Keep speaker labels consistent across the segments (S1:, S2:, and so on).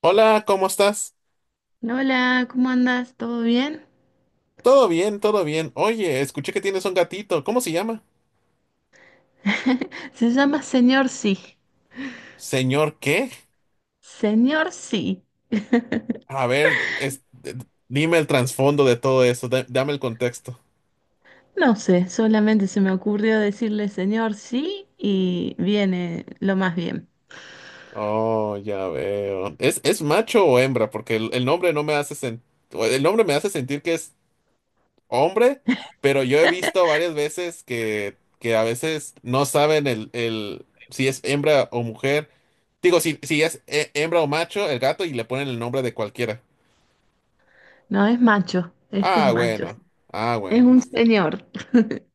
S1: Hola, ¿cómo estás?
S2: Hola, ¿cómo andas? ¿Todo bien?
S1: Todo bien, todo bien. Oye, escuché que tienes un gatito. ¿Cómo se llama?
S2: Se llama Señor Sí.
S1: Señor, ¿qué?
S2: Señor Sí.
S1: A ver, dime el trasfondo de todo eso. Dame el contexto.
S2: No sé, solamente se me ocurrió decirle Señor Sí y viene lo más bien.
S1: Oh, ya veo. ¿Es macho o hembra? Porque el nombre no me hace o el nombre me hace sentir que es hombre, pero yo he visto varias veces que a veces no saben el si es hembra o mujer. Digo, si es hembra o macho, el gato, y le ponen el nombre de cualquiera.
S2: No, es macho, este es
S1: Ah,
S2: macho.
S1: bueno. Ah,
S2: Es
S1: bueno.
S2: un señor.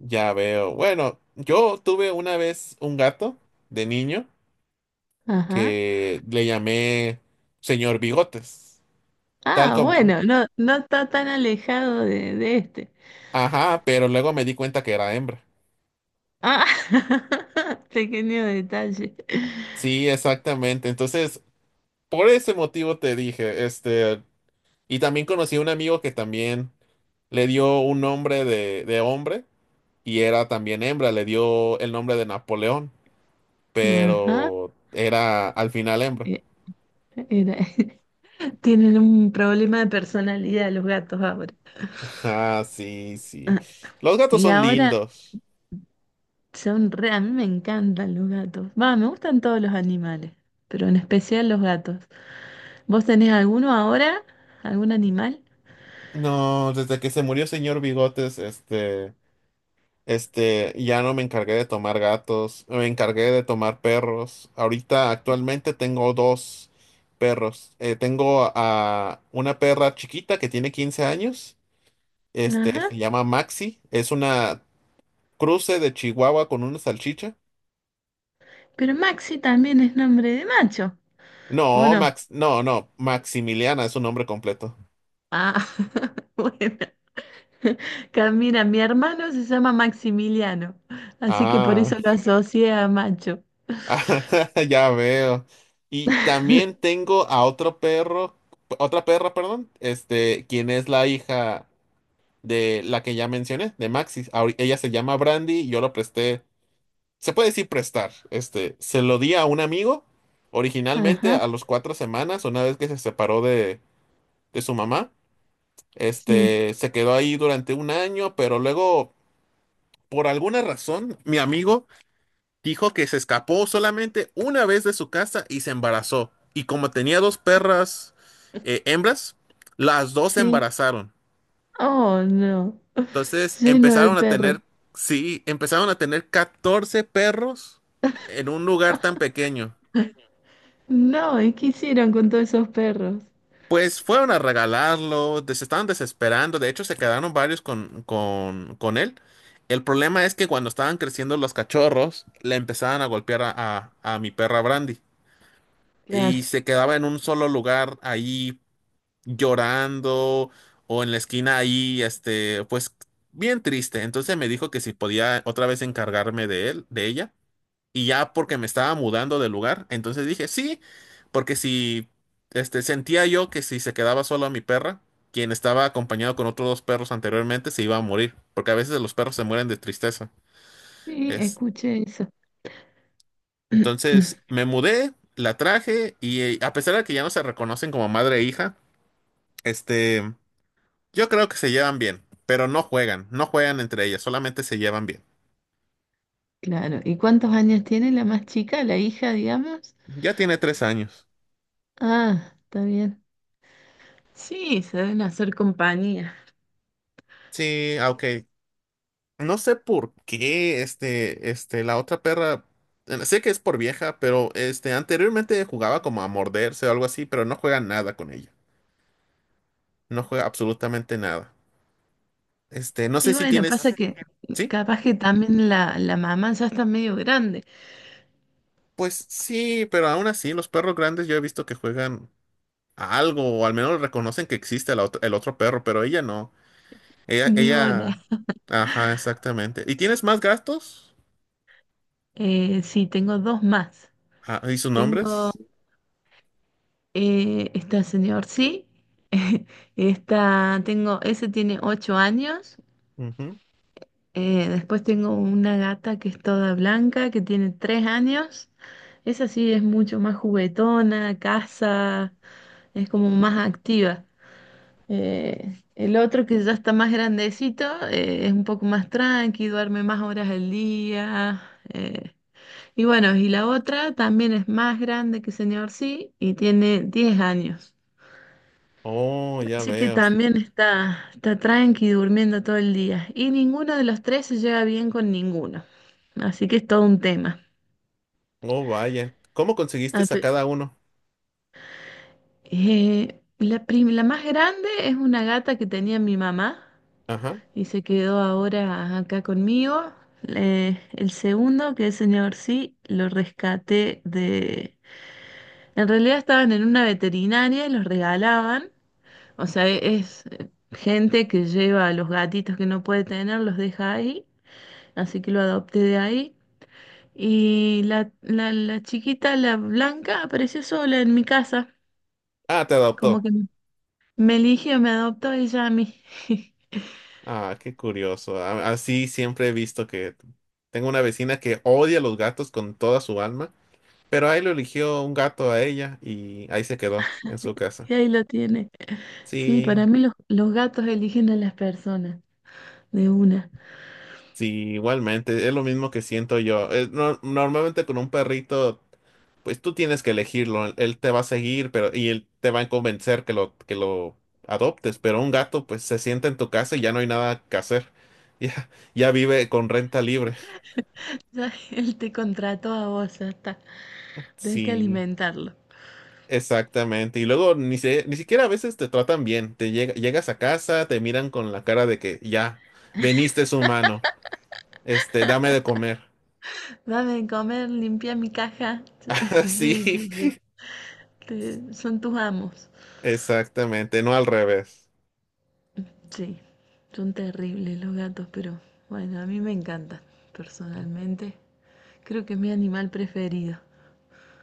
S1: Ya veo. Bueno, yo tuve una vez un gato de niño
S2: Ajá.
S1: que le llamé Señor Bigotes. Tal
S2: Ah,
S1: como.
S2: bueno, no, no está tan alejado de este.
S1: Ajá, pero luego me di cuenta que era hembra.
S2: Ah, pequeño detalle.
S1: Sí, exactamente. Entonces, por ese motivo te dije, este, y también conocí a un amigo que también le dio un nombre de hombre y era también hembra, le dio el nombre de Napoleón,
S2: Ajá.
S1: pero era al final hembra.
S2: Eh, era- Tienen un problema de personalidad los gatos ahora.
S1: Ah, sí, sí. Los gatos
S2: Y
S1: son
S2: ahora
S1: lindos.
S2: son re, a mí me encantan los gatos. Va, me gustan todos los animales, pero en especial los gatos. ¿Vos tenés alguno ahora? ¿Algún animal?
S1: No, desde que se murió Señor Bigotes, este, ya no me encargué de tomar gatos, me encargué de tomar perros. Ahorita, actualmente tengo dos perros. Tengo a una perra chiquita que tiene 15 años, este,
S2: Ajá.
S1: se llama Maxi, es una cruce de Chihuahua con una salchicha.
S2: Pero Maxi también es nombre de macho, ¿o
S1: No,
S2: no?
S1: No, no, Maximiliana es su nombre completo.
S2: Ah, bueno. Camina, mi hermano se llama Maximiliano, así que por
S1: Ah.
S2: eso lo asocié a macho.
S1: Ah, ya veo. Y también tengo a otro perro, otra perra, perdón, este, quien es la hija de la que ya mencioné, de Maxis. Ella se llama Brandy, y yo lo presté, se puede decir prestar, este, se lo di a un amigo, originalmente
S2: Ajá,
S1: a los 4 semanas, una vez que se separó de su mamá,
S2: sí,
S1: este, se quedó ahí durante un año, pero luego, por alguna razón, mi amigo dijo que se escapó solamente una vez de su casa y se embarazó. Y como tenía dos perras hembras, las dos se
S2: sí.
S1: embarazaron.
S2: Oh, no.
S1: Entonces
S2: Lleno de
S1: empezaron a
S2: perros.
S1: tener, sí, empezaron a tener 14 perros en un lugar tan pequeño.
S2: No, ¿y qué hicieron con todos esos perros?
S1: Pues fueron a regalarlo, se estaban desesperando, de hecho se quedaron varios con él. El problema es que cuando estaban creciendo los cachorros, le empezaban a golpear a mi perra Brandy.
S2: Claro,
S1: Y se quedaba en un solo lugar ahí llorando o en la esquina ahí, este, pues bien triste. Entonces me dijo que si podía otra vez encargarme de él, de ella, y ya porque me estaba mudando de lugar, entonces dije sí, porque si, este, sentía yo que si se quedaba sola mi perra, quien estaba acompañado con otros dos perros anteriormente, se iba a morir, porque a veces los perros se mueren de tristeza.
S2: sí,
S1: Es,
S2: escuché eso.
S1: entonces me mudé, la traje y a pesar de que ya no se reconocen como madre e hija, este yo creo que se llevan bien, pero no juegan entre ellas, solamente se llevan bien.
S2: Claro, ¿y cuántos años tiene la más chica, la hija, digamos?
S1: Ya tiene 3 años.
S2: Ah, está bien. Sí, se deben hacer compañía.
S1: Sí, ah, ok. No sé por qué, este, la otra perra, sé que es por vieja, pero este, anteriormente jugaba como a morderse o algo así, pero no juega nada con ella. No juega absolutamente nada. Este, no
S2: Y
S1: sé si
S2: bueno, pasa
S1: tienes,
S2: que
S1: ¿sí?
S2: capaz que también la mamá ya está medio grande.
S1: Pues sí, pero aún así, los perros grandes yo he visto que juegan a algo, o al menos reconocen que existe la el otro perro, pero ella no. Ella,
S2: Ni bola.
S1: ella, ajá, exactamente. ¿Y tienes más gastos?
S2: Sí, tengo dos más.
S1: Ah, ¿y sus
S2: Tengo
S1: nombres?
S2: esta señor, sí. Esta, tengo, ese tiene 8 años.
S1: Ujú.
S2: Después tengo una gata que es toda blanca, que tiene 3 años. Esa sí es mucho más juguetona, caza, es como más activa. El otro que ya está más grandecito, es un poco más tranqui, duerme más horas al día. Eh, y bueno, y la otra también es más grande que señor sí y tiene 10 años.
S1: Oh, ya
S2: Así que
S1: veo.
S2: también está tranqui durmiendo todo el día. Y ninguno de los tres se lleva bien con ninguno. Así que es todo un tema.
S1: Oh, vaya. ¿Cómo conseguiste
S2: Ah,
S1: a
S2: pe-
S1: cada uno?
S2: la, la más grande es una gata que tenía mi mamá
S1: Ajá.
S2: y se quedó ahora acá conmigo. El segundo, que es señor sí, lo rescaté de... En realidad estaban en una veterinaria y los regalaban. O sea, es gente que lleva a los gatitos que no puede tener, los deja ahí, así que lo adopté de ahí. Y la chiquita, la blanca, apareció sola en mi casa,
S1: Ah, te
S2: como
S1: adoptó.
S2: que me eligió, me adoptó ella a mí.
S1: Ah, qué curioso. Así siempre he visto que tengo una vecina que odia los gatos con toda su alma, pero ahí lo eligió un gato a ella y ahí se quedó en su casa.
S2: Y ahí lo tiene. Sí,
S1: Sí,
S2: para mí los gatos eligen a las personas, de una.
S1: sí, igualmente. Es lo mismo que siento yo. Es normalmente con un perrito. Pues tú tienes que elegirlo. Él te va a seguir, pero y él te va a convencer que lo adoptes, pero un gato pues se sienta en tu casa y ya no hay nada que hacer. Ya ya vive con renta libre.
S2: Ya, él te contrató a vos, ya está. Tenés que
S1: Sí,
S2: alimentarlo.
S1: exactamente. Y luego ni ni siquiera a veces te tratan bien. Te llegas a casa, te miran con la cara de que ya veniste es humano. Este, dame de comer.
S2: Dame de comer, limpia mi caja.
S1: Sí,
S2: Sí, sí, sí. Te- son tus amos.
S1: exactamente, no al revés.
S2: Sí, son terribles los gatos, pero bueno, a mí me encantan personalmente. Creo que es mi animal preferido.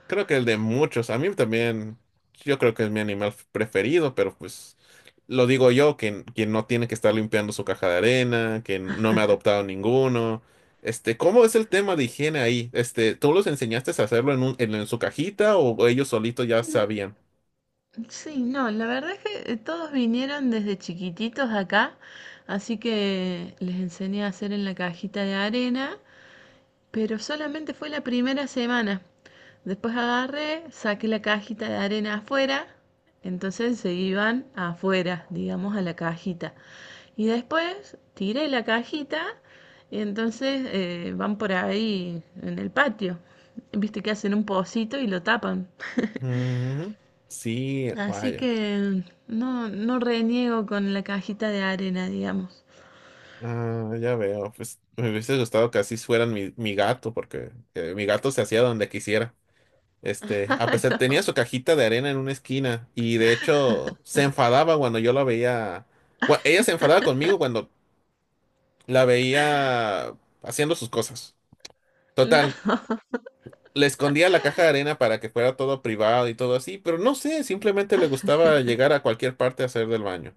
S1: Creo que el de muchos. A mí también, yo creo que es mi animal preferido, pero pues lo digo yo, que, quien no tiene que estar limpiando su caja de arena, que no me ha adoptado ninguno. Este, ¿cómo es el tema de higiene ahí? Este, ¿tú los enseñaste a hacerlo en en su cajita o ellos solitos ya
S2: Mm,
S1: sabían?
S2: sí, no, la verdad es que todos vinieron desde chiquititos acá, así que les enseñé a hacer en la cajita de arena. Pero solamente fue la primera semana. Después agarré, saqué la cajita de arena afuera, entonces se iban afuera, digamos, a la cajita. Y después tiré la cajita y entonces van por ahí en el patio. Viste que hacen un pocito y lo tapan.
S1: Mm, sí,
S2: Así
S1: vaya.
S2: que no, no reniego con la cajita de arena, digamos.
S1: Ah, ya veo. Pues me hubiese gustado que así fueran mi gato, porque mi gato se hacía donde quisiera. Este, a pesar, tenía su cajita de arena en una esquina y de hecho se enfadaba cuando yo la veía. Ella se enfadaba conmigo cuando la veía haciendo sus cosas.
S2: No.
S1: Total, le escondía la caja de arena para que fuera todo privado y todo así, pero no sé, simplemente le gustaba llegar a cualquier parte a hacer del baño.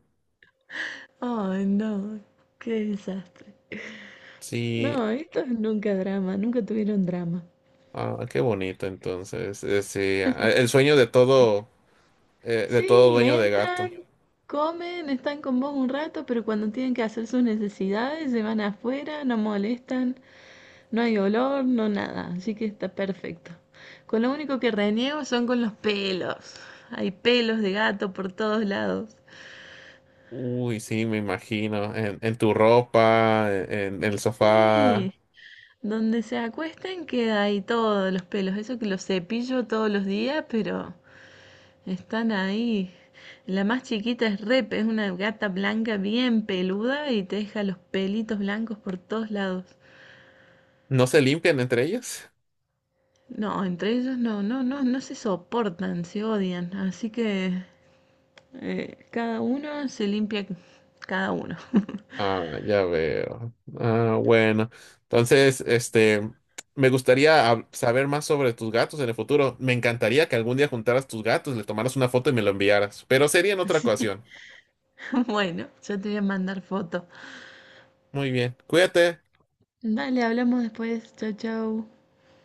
S2: Ay, no, qué desastre.
S1: Sí,
S2: No, esto es nunca drama, nunca tuvieron drama.
S1: ah, qué bonito entonces. Sí, ah, el sueño de todo
S2: Sí,
S1: dueño de gato.
S2: entran, comen, están con vos un rato, pero cuando tienen que hacer sus necesidades se van afuera, no molestan, no hay olor, no nada, así que está perfecto. Con lo único que reniego son con los pelos. Hay pelos de gato por todos lados.
S1: Uy, sí, me imagino. En tu ropa, en el sofá.
S2: Sí, donde se acuesten queda ahí todos los pelos, eso que los cepillo todos los días, pero están ahí. La más chiquita es Rep, es una gata blanca bien peluda y te deja los pelitos blancos por todos lados.
S1: ¿No se limpian entre ellos?
S2: No, entre ellos no, no, no, no se soportan, se odian. Así que cada uno se limpia cada uno.
S1: Ah, ya veo. Ah, bueno. Entonces, este, me gustaría saber más sobre tus gatos en el futuro. Me encantaría que algún día juntaras tus gatos, le tomaras una foto y me lo enviaras, pero sería en otra
S2: Sí,
S1: ocasión.
S2: bueno, yo te voy a mandar foto.
S1: Muy bien. Cuídate.
S2: Dale, hablamos después. Chau, chau.